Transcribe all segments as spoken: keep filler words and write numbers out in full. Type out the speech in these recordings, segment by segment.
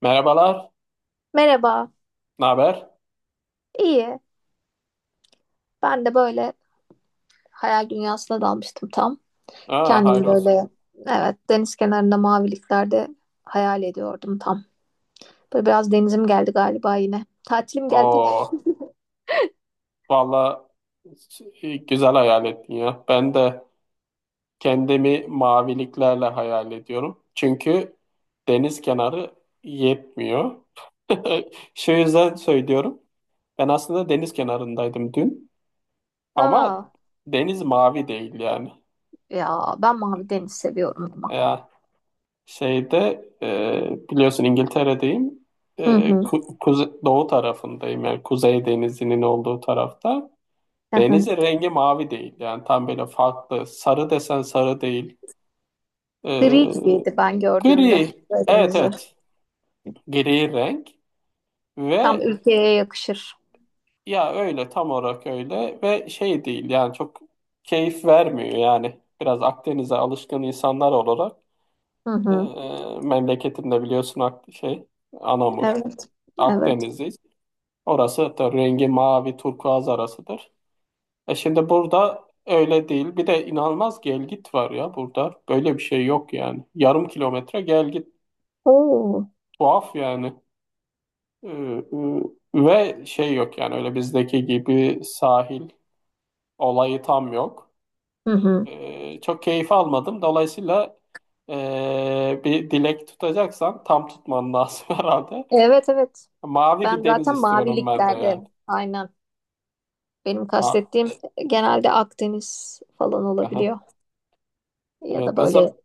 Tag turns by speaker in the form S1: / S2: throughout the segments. S1: Merhabalar,
S2: Merhaba.
S1: ne haber?
S2: İyi. Ben de böyle hayal dünyasına dalmıştım tam.
S1: Aa,
S2: Kendimi
S1: hayrols.
S2: böyle, evet, deniz kenarında maviliklerde hayal ediyordum tam. Böyle biraz denizim geldi galiba yine. Tatilim geldi.
S1: Oo, valla güzel hayal ettin ya. Ben de kendimi maviliklerle hayal ediyorum. Çünkü deniz kenarı yetmiyor. Şu yüzden söylüyorum. Ben aslında deniz kenarındaydım dün. Ama
S2: Aa,
S1: deniz mavi değil yani.
S2: ya ben mavi deniz seviyorum ama.
S1: Ya şeyde e, biliyorsun İngiltere'deyim.
S2: Hı
S1: E,
S2: hı.
S1: ku- kuze- doğu tarafındayım yani Kuzey Denizi'nin olduğu tarafta.
S2: Hı hı.
S1: Denizin rengi mavi değil. Yani tam böyle farklı. Sarı desen sarı değil. Ee,
S2: Gri gibiydi ben gördüğümde
S1: gri.
S2: böyle
S1: Evet
S2: denizi.
S1: evet. Gri renk.
S2: Tam
S1: Ve
S2: ülkeye yakışır.
S1: ya öyle tam olarak öyle. Ve şey değil yani çok keyif vermiyor yani. Biraz Akdeniz'e alışkın insanlar olarak.
S2: Hı
S1: E,
S2: hı.
S1: memleketimde biliyorsun Ak- şey Anamur.
S2: Evet. Evet.
S1: Akdeniz'deyiz. Orası da rengi mavi turkuaz arasıdır. E şimdi burada öyle değil. Bir de inanılmaz gel git var ya burada. Böyle bir şey yok yani. Yarım kilometre gel git.
S2: Oo.
S1: Tuhaf yani. Ee, e, ve şey yok yani öyle bizdeki gibi sahil olayı tam yok.
S2: Hı hı.
S1: Ee, çok keyif almadım. Dolayısıyla e, bir dilek tutacaksan tam tutman lazım herhalde.
S2: Evet evet.
S1: Mavi
S2: Ben
S1: bir deniz
S2: zaten
S1: istiyorum ben de
S2: maviliklerde.
S1: yani.
S2: Aynen. Benim
S1: Ah,
S2: kastettiğim, e, genelde Akdeniz falan
S1: aha.
S2: olabiliyor. Ya
S1: Evet
S2: da
S1: ne
S2: böyle
S1: zaman?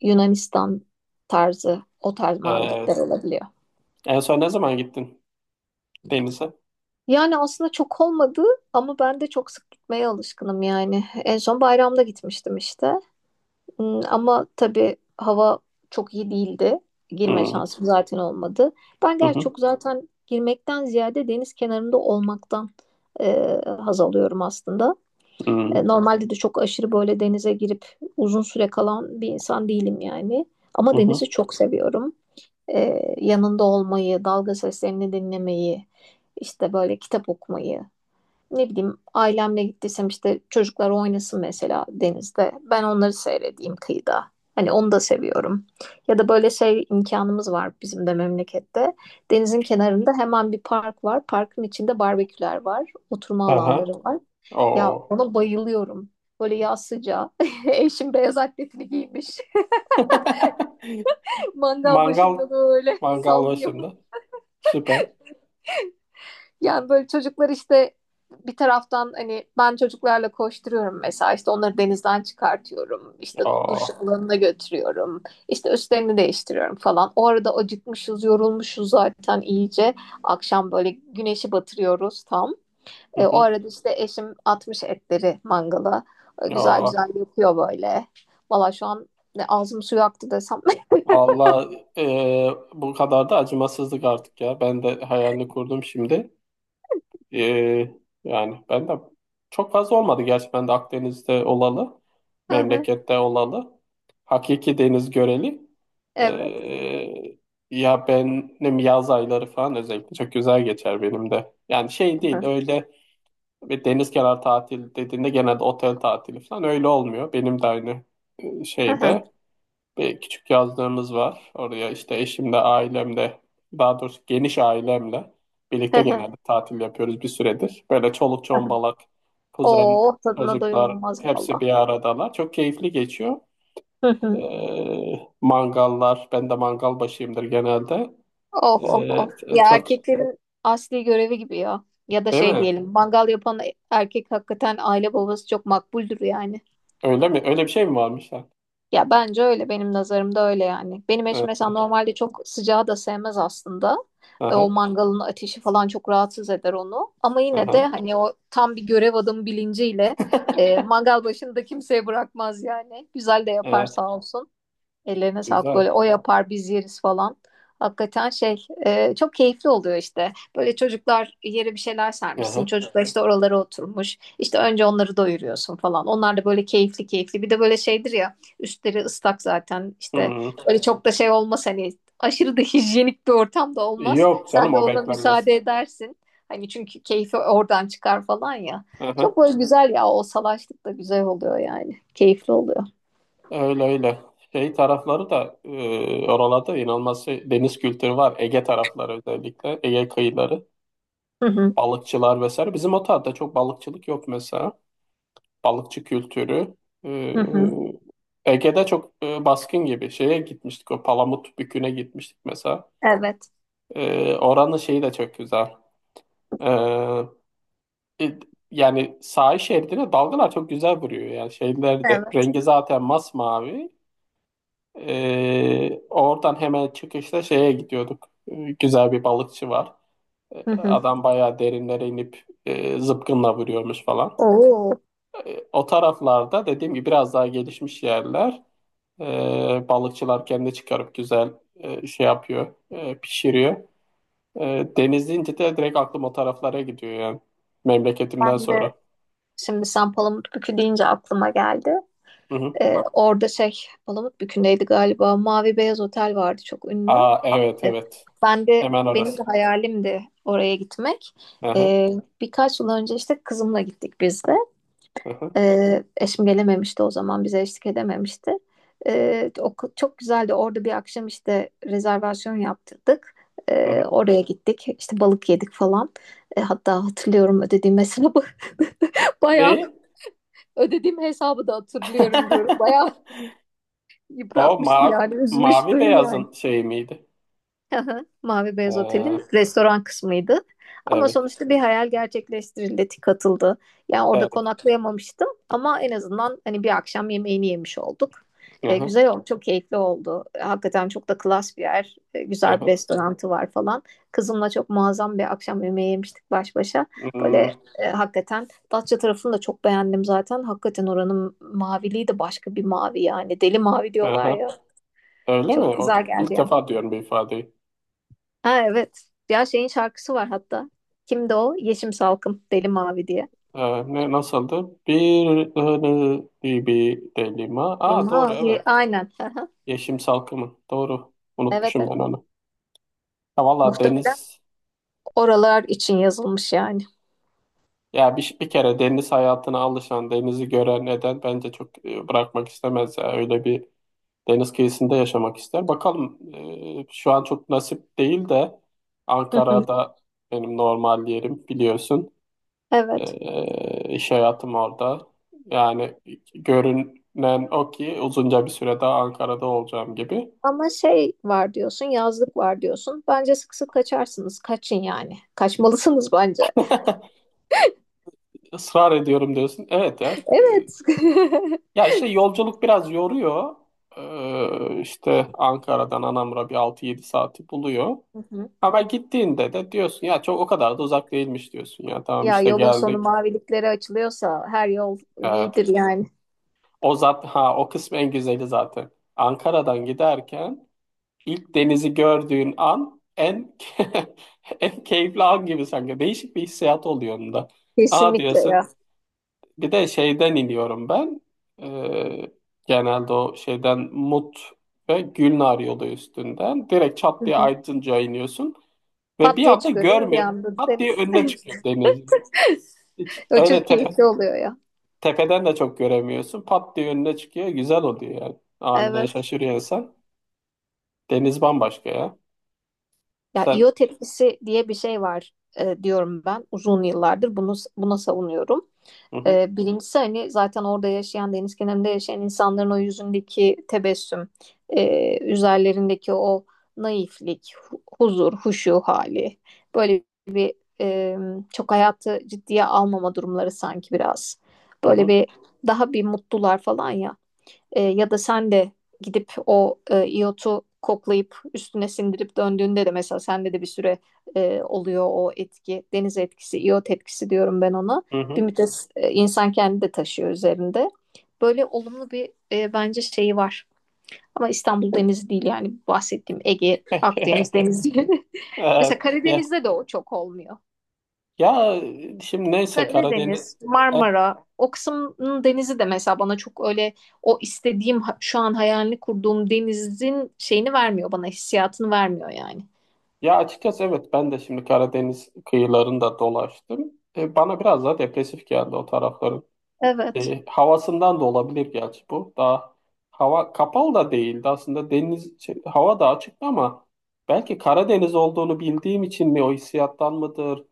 S2: Yunanistan tarzı, o tarz mavilikler
S1: Evet.
S2: olabiliyor.
S1: En son ne zaman gittin denize?
S2: Yani aslında çok olmadı ama ben de çok sık gitmeye alışkınım yani. En son bayramda gitmiştim işte. Hmm, Ama tabii hava çok iyi değildi. Girme
S1: Hmm.
S2: şansım zaten olmadı. Ben
S1: Hı
S2: gerçi
S1: hı.
S2: çok zaten girmekten ziyade deniz kenarında olmaktan e, haz alıyorum aslında.
S1: Hmm.
S2: E, Normalde de çok aşırı böyle denize girip uzun süre kalan bir insan değilim yani.
S1: Hı
S2: Ama
S1: hı.
S2: denizi çok seviyorum. E, yanında olmayı, dalga seslerini dinlemeyi, işte böyle kitap okumayı, ne bileyim, ailemle gittiysem işte çocuklar oynasın mesela denizde. Ben onları seyredeyim kıyıda. Hani onu da seviyorum. Ya da böyle şey, imkanımız var bizim de memlekette. Denizin kenarında hemen bir park var. Parkın içinde barbeküler var. Oturma
S1: Aha.
S2: alanları var. Ya
S1: Oo.
S2: ona bayılıyorum. Böyle yaz sıcağı. Eşim beyaz atletini giymiş. Mangal
S1: Mangal.
S2: başında böyle
S1: Mangal
S2: sallıyor.
S1: başında. Süper.
S2: Yani böyle çocuklar işte bir taraftan, hani ben çocuklarla koşturuyorum mesela, işte onları denizden çıkartıyorum, işte duş
S1: Oo.
S2: alanına götürüyorum, işte üstlerini değiştiriyorum falan. O arada acıkmışız, yorulmuşuz zaten iyice. Akşam böyle güneşi batırıyoruz tam.
S1: Hı
S2: E, o
S1: hı.
S2: arada işte eşim atmış etleri mangala. E, güzel
S1: Oo.
S2: güzel yapıyor böyle. Valla şu an ne ağzım suyu aktı desem.
S1: Valla e, bu kadar da acımasızlık artık ya. Ben de hayalini kurdum şimdi. E, yani ben de çok fazla olmadı gerçi ben de Akdeniz'de olalı.
S2: Hı hı.
S1: Memlekette olalı. Hakiki deniz göreli.
S2: Evet.
S1: E, ya benim yaz ayları falan özellikle çok güzel geçer benim de. Yani şey
S2: Hı
S1: değil
S2: hı.
S1: öyle. Ve deniz kenarı tatil dediğinde genelde otel tatili falan öyle olmuyor. Benim de aynı
S2: Hı hı.
S1: şeyde bir küçük yazlığımız var. Oraya işte eşimle, ailemle, daha doğrusu geniş ailemle birlikte genelde tatil yapıyoruz bir süredir. Böyle çoluk
S2: Hı hı.
S1: çombalak, kuzen,
S2: Oo, tadına doyum
S1: çocuklar
S2: olmaz
S1: hepsi
S2: valla.
S1: bir aradalar. Çok keyifli geçiyor. Ee, mangallar, ben de mangal başıyımdır genelde.
S2: Of of of.
S1: Ee,
S2: Ya
S1: çok
S2: erkeklerin asli görevi gibi ya. Ya da
S1: değil
S2: şey
S1: mi?
S2: diyelim, mangal yapan erkek hakikaten aile babası çok makbuldür yani.
S1: Öyle mi? Öyle bir şey mi varmış? Ha?
S2: Ya bence öyle, benim nazarımda öyle yani. Benim
S1: Ee,
S2: eşim mesela normalde çok sıcağı da sevmez aslında. E, O
S1: aha,
S2: mangalın ateşi falan çok rahatsız eder onu. Ama yine de
S1: aha.
S2: hani o tam bir görev adamı bilinciyle, e, mangal başında da kimseye bırakmaz yani. Güzel de yapar
S1: Evet.
S2: sağ olsun. Ellerine sağlık,
S1: Güzel.
S2: böyle o yapar biz yeriz falan. Hakikaten şey, e, çok keyifli oluyor işte. Böyle çocuklar yere bir şeyler sermişsin.
S1: Aha.
S2: Çocuklar işte oralara oturmuş. İşte önce onları doyuruyorsun falan. Onlar da böyle keyifli keyifli. Bir de böyle şeydir ya, üstleri ıslak zaten işte,
S1: Hı.
S2: böyle çok da şey olmaz hani, aşırı da hijyenik bir ortam da olmaz.
S1: Yok canım
S2: Sen de
S1: o
S2: ona
S1: beklenmez.
S2: müsaade edersin. Hani çünkü keyfi oradan çıkar falan ya.
S1: Aha.
S2: Çok böyle güzel ya, o salaşlık da güzel oluyor yani. Keyifli oluyor.
S1: Öyle öyle. Şey tarafları da e, oralarda inanılmaz şey, deniz kültürü var. Ege tarafları özellikle. Ege kıyıları.
S2: Hı hı.
S1: Balıkçılar vesaire. Bizim o tarafta çok balıkçılık yok mesela. Balıkçı kültürü. E,
S2: Hı hı.
S1: Ege'de çok e, baskın gibi. Şeye gitmiştik o Palamut Bükü'ne gitmiştik mesela.
S2: Evet.
S1: E, oranın şeyi de çok güzel. E, E, Yani sahil şeridine dalgalar çok güzel vuruyor. Yani şeyler de
S2: Evet.
S1: rengi zaten masmavi. E, oradan hemen çıkışta şeye gidiyorduk. E, güzel bir balıkçı var. E,
S2: Hı hı.
S1: adam bayağı derinlere inip e, zıpkınla vuruyormuş falan.
S2: Oo.
S1: E, o taraflarda dediğim gibi biraz daha gelişmiş yerler. E, balıkçılar kendi çıkarıp güzel e, şey yapıyor, e, pişiriyor. E, deniz deyince de direkt aklım o taraflara gidiyor yani memleketimden
S2: Ben de
S1: sonra.
S2: şimdi sen Palamutbükü deyince aklıma geldi.
S1: Hı hı.
S2: Ee, orada şey, Palamutbükü'ndeydi galiba. Mavi Beyaz Otel vardı, çok ünlü.
S1: Aa evet
S2: Ee,
S1: evet.
S2: Ben de
S1: Hemen
S2: benim
S1: orası.
S2: de hayalimdi oraya gitmek.
S1: Hı hı,
S2: Ee, Birkaç yıl önce işte kızımla gittik biz de.
S1: hı hı,
S2: Ee, eşim gelememişti o zaman, bize eşlik edememişti. Ee, o k- çok güzeldi. Orada bir akşam işte rezervasyon yaptırdık.
S1: hı
S2: Ee,
S1: hı.
S2: oraya gittik. İşte balık yedik falan. Ee, hatta hatırlıyorum ödediğim hesabı. Bayağı
S1: Neyi?
S2: ödediğim hesabı da hatırlıyorum diyorum. Bayağı
S1: O
S2: yıpratmıştı
S1: ma
S2: yani, üzmüştü
S1: mavi
S2: yani.
S1: beyazın şeyi miydi?
S2: Aha, Mavi Beyaz Otel'in
S1: Ee,
S2: restoran kısmıydı. Ama
S1: evet.
S2: sonuçta bir hayal gerçekleştirildi, tik atıldı. Yani orada
S1: Evet.
S2: konaklayamamıştım ama en azından hani bir akşam yemeğini yemiş olduk.
S1: Hı
S2: E,
S1: hı,
S2: güzel oldu, çok keyifli oldu. E, Hakikaten çok da klas bir yer, E,
S1: hı
S2: güzel bir
S1: hı.
S2: restoranı var falan. Kızımla çok muazzam bir akşam yemeği yemiştik baş başa. Böyle,
S1: Hmm,
S2: e, hakikaten Datça tarafını da çok beğendim zaten. Hakikaten oranın maviliği de başka bir mavi yani. Deli mavi
S1: hı
S2: diyorlar
S1: hı.
S2: ya.
S1: Öyle mi?
S2: Çok
S1: O,
S2: güzel geldi
S1: ilk
S2: yani.
S1: defa diyorum bir ifadeyi.
S2: Ha evet. Ya şeyin şarkısı var hatta. Kimdi o? Yeşim Salkım. Deli Mavi diye.
S1: Ee, ne nasıldı? Bir ıhını bir bir delima.
S2: Deli
S1: Aa doğru evet.
S2: Mavi aynen. Aha.
S1: Yeşim salkımı. Doğru.
S2: Evet
S1: Unutmuşum
S2: evet.
S1: ben onu. Ha, valla
S2: Muhtemelen
S1: deniz.
S2: oralar için yazılmış yani.
S1: Ya bir, bir kere deniz hayatına alışan, denizi gören neden bence çok e, bırakmak istemez. Ya. Öyle bir deniz kıyısında yaşamak ister. Bakalım e, şu an çok nasip değil de
S2: Hı hı.
S1: Ankara'da benim normal yerim biliyorsun.
S2: Evet.
S1: E, iş hayatım orada. Yani görünen o ki uzunca bir süre daha Ankara'da olacağım gibi.
S2: Ama şey var diyorsun, yazlık var diyorsun. Bence sık sık kaçarsınız. Kaçın yani. Kaçmalısınız bence.
S1: Israr ediyorum diyorsun. Evet ya e,
S2: Evet.
S1: Ya işte yolculuk biraz yoruyor. Ee, işte Ankara'dan Anamur'a bir altı yedi saati buluyor.
S2: Hı hı.
S1: Ama gittiğinde de diyorsun ya çok o kadar da uzak değilmiş diyorsun ya tamam
S2: Ya
S1: işte
S2: yolun sonu
S1: geldik.
S2: maviliklere açılıyorsa her yol iyidir
S1: Evet.
S2: yani.
S1: O zat ha o kısmı en güzeli zaten. Ankara'dan giderken ilk denizi gördüğün an en en keyifli an gibi sanki. Değişik bir hissiyat oluyor onda. Aa
S2: Kesinlikle
S1: diyorsun.
S2: ya.
S1: Bir de şeyden iniyorum ben. Ee, genelde o şeyden Mut ve Gülnar yolu üstünden. Direkt çat diye Aydınca iniyorsun. Ve
S2: Pat
S1: bir
S2: diye
S1: anda
S2: çıkıyor değil mi bir
S1: görmüyor.
S2: anda
S1: Pat diye
S2: deniz?
S1: önüne çıkıyor denizin. Hiç
S2: O
S1: öyle
S2: çok
S1: tepe,
S2: keyifli oluyor ya.
S1: tepeden de çok göremiyorsun. Pat diye önüne çıkıyor. Güzel oluyor yani. Aniden
S2: Evet.
S1: şaşırıyor insan. Deniz bambaşka ya.
S2: Ya
S1: Sen...
S2: iot etkisi diye bir şey var, e, diyorum ben uzun yıllardır bunu buna savunuyorum.
S1: Hı hı,
S2: E, birincisi hani zaten orada yaşayan, deniz kenarında yaşayan insanların o yüzündeki tebessüm, e, üzerlerindeki o naiflik, hu- huzur, huşu hali. Böyle, e, çok hayatı ciddiye almama durumları sanki biraz.
S1: hı
S2: Böyle
S1: hı,
S2: bir daha bir mutlular falan ya. E, ya da sen de gidip o, e, iyotu koklayıp üstüne sindirip döndüğünde de mesela sende de bir süre, e, oluyor o etki. Deniz etkisi, iyot etkisi diyorum ben ona.
S1: hı
S2: Bir
S1: hı.
S2: müddet, e, insan kendi de taşıyor üzerinde. Böyle olumlu bir, e, bence şeyi var. Ama İstanbul Denizi değil yani, bahsettiğim Ege, Akdeniz Denizi. Mesela
S1: Evet. Ya,
S2: Karadeniz'de de o çok olmuyor.
S1: ya şimdi neyse Karadeniz...
S2: Karadeniz, Marmara, o kısmın denizi de mesela bana çok öyle, o istediğim ha- şu an hayalini kurduğum denizin şeyini vermiyor bana, hissiyatını vermiyor yani.
S1: Ya açıkçası evet ben de şimdi Karadeniz kıyılarında dolaştım. E, bana biraz daha depresif geldi o tarafların.
S2: Evet.
S1: E, havasından da olabilir gerçi bu. Daha hava kapalı da değildi aslında deniz şey, hava da açıktı ama belki Karadeniz olduğunu bildiğim için mi o hissiyattan mıdır?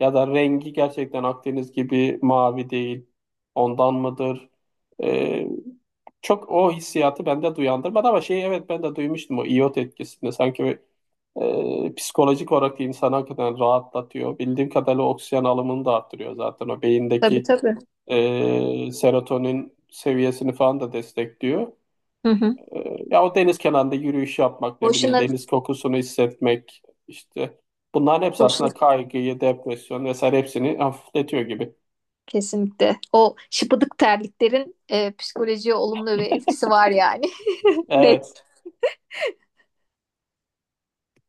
S1: Ya da rengi gerçekten Akdeniz gibi mavi değil. Ondan mıdır? E, çok o hissiyatı bende duyandırmadı ama şey evet ben de duymuştum o iot etkisinde sanki ee, psikolojik olarak insanı hakikaten rahatlatıyor. Bildiğim kadarıyla oksijen alımını da arttırıyor zaten. O
S2: Tabii
S1: beyindeki
S2: tabii.
S1: e, serotonin seviyesini falan da destekliyor.
S2: Hı hı.
S1: E, ya o deniz kenarında yürüyüş yapmak, ne bileyim
S2: Boşuna,
S1: deniz kokusunu hissetmek işte bunların hepsi
S2: boşuna.
S1: aslında kaygıyı, depresyon vesaire hepsini hafifletiyor gibi.
S2: Kesinlikle. O şıpıdık terliklerin, e, psikolojiye olumlu bir etkisi var yani. Net.
S1: Evet.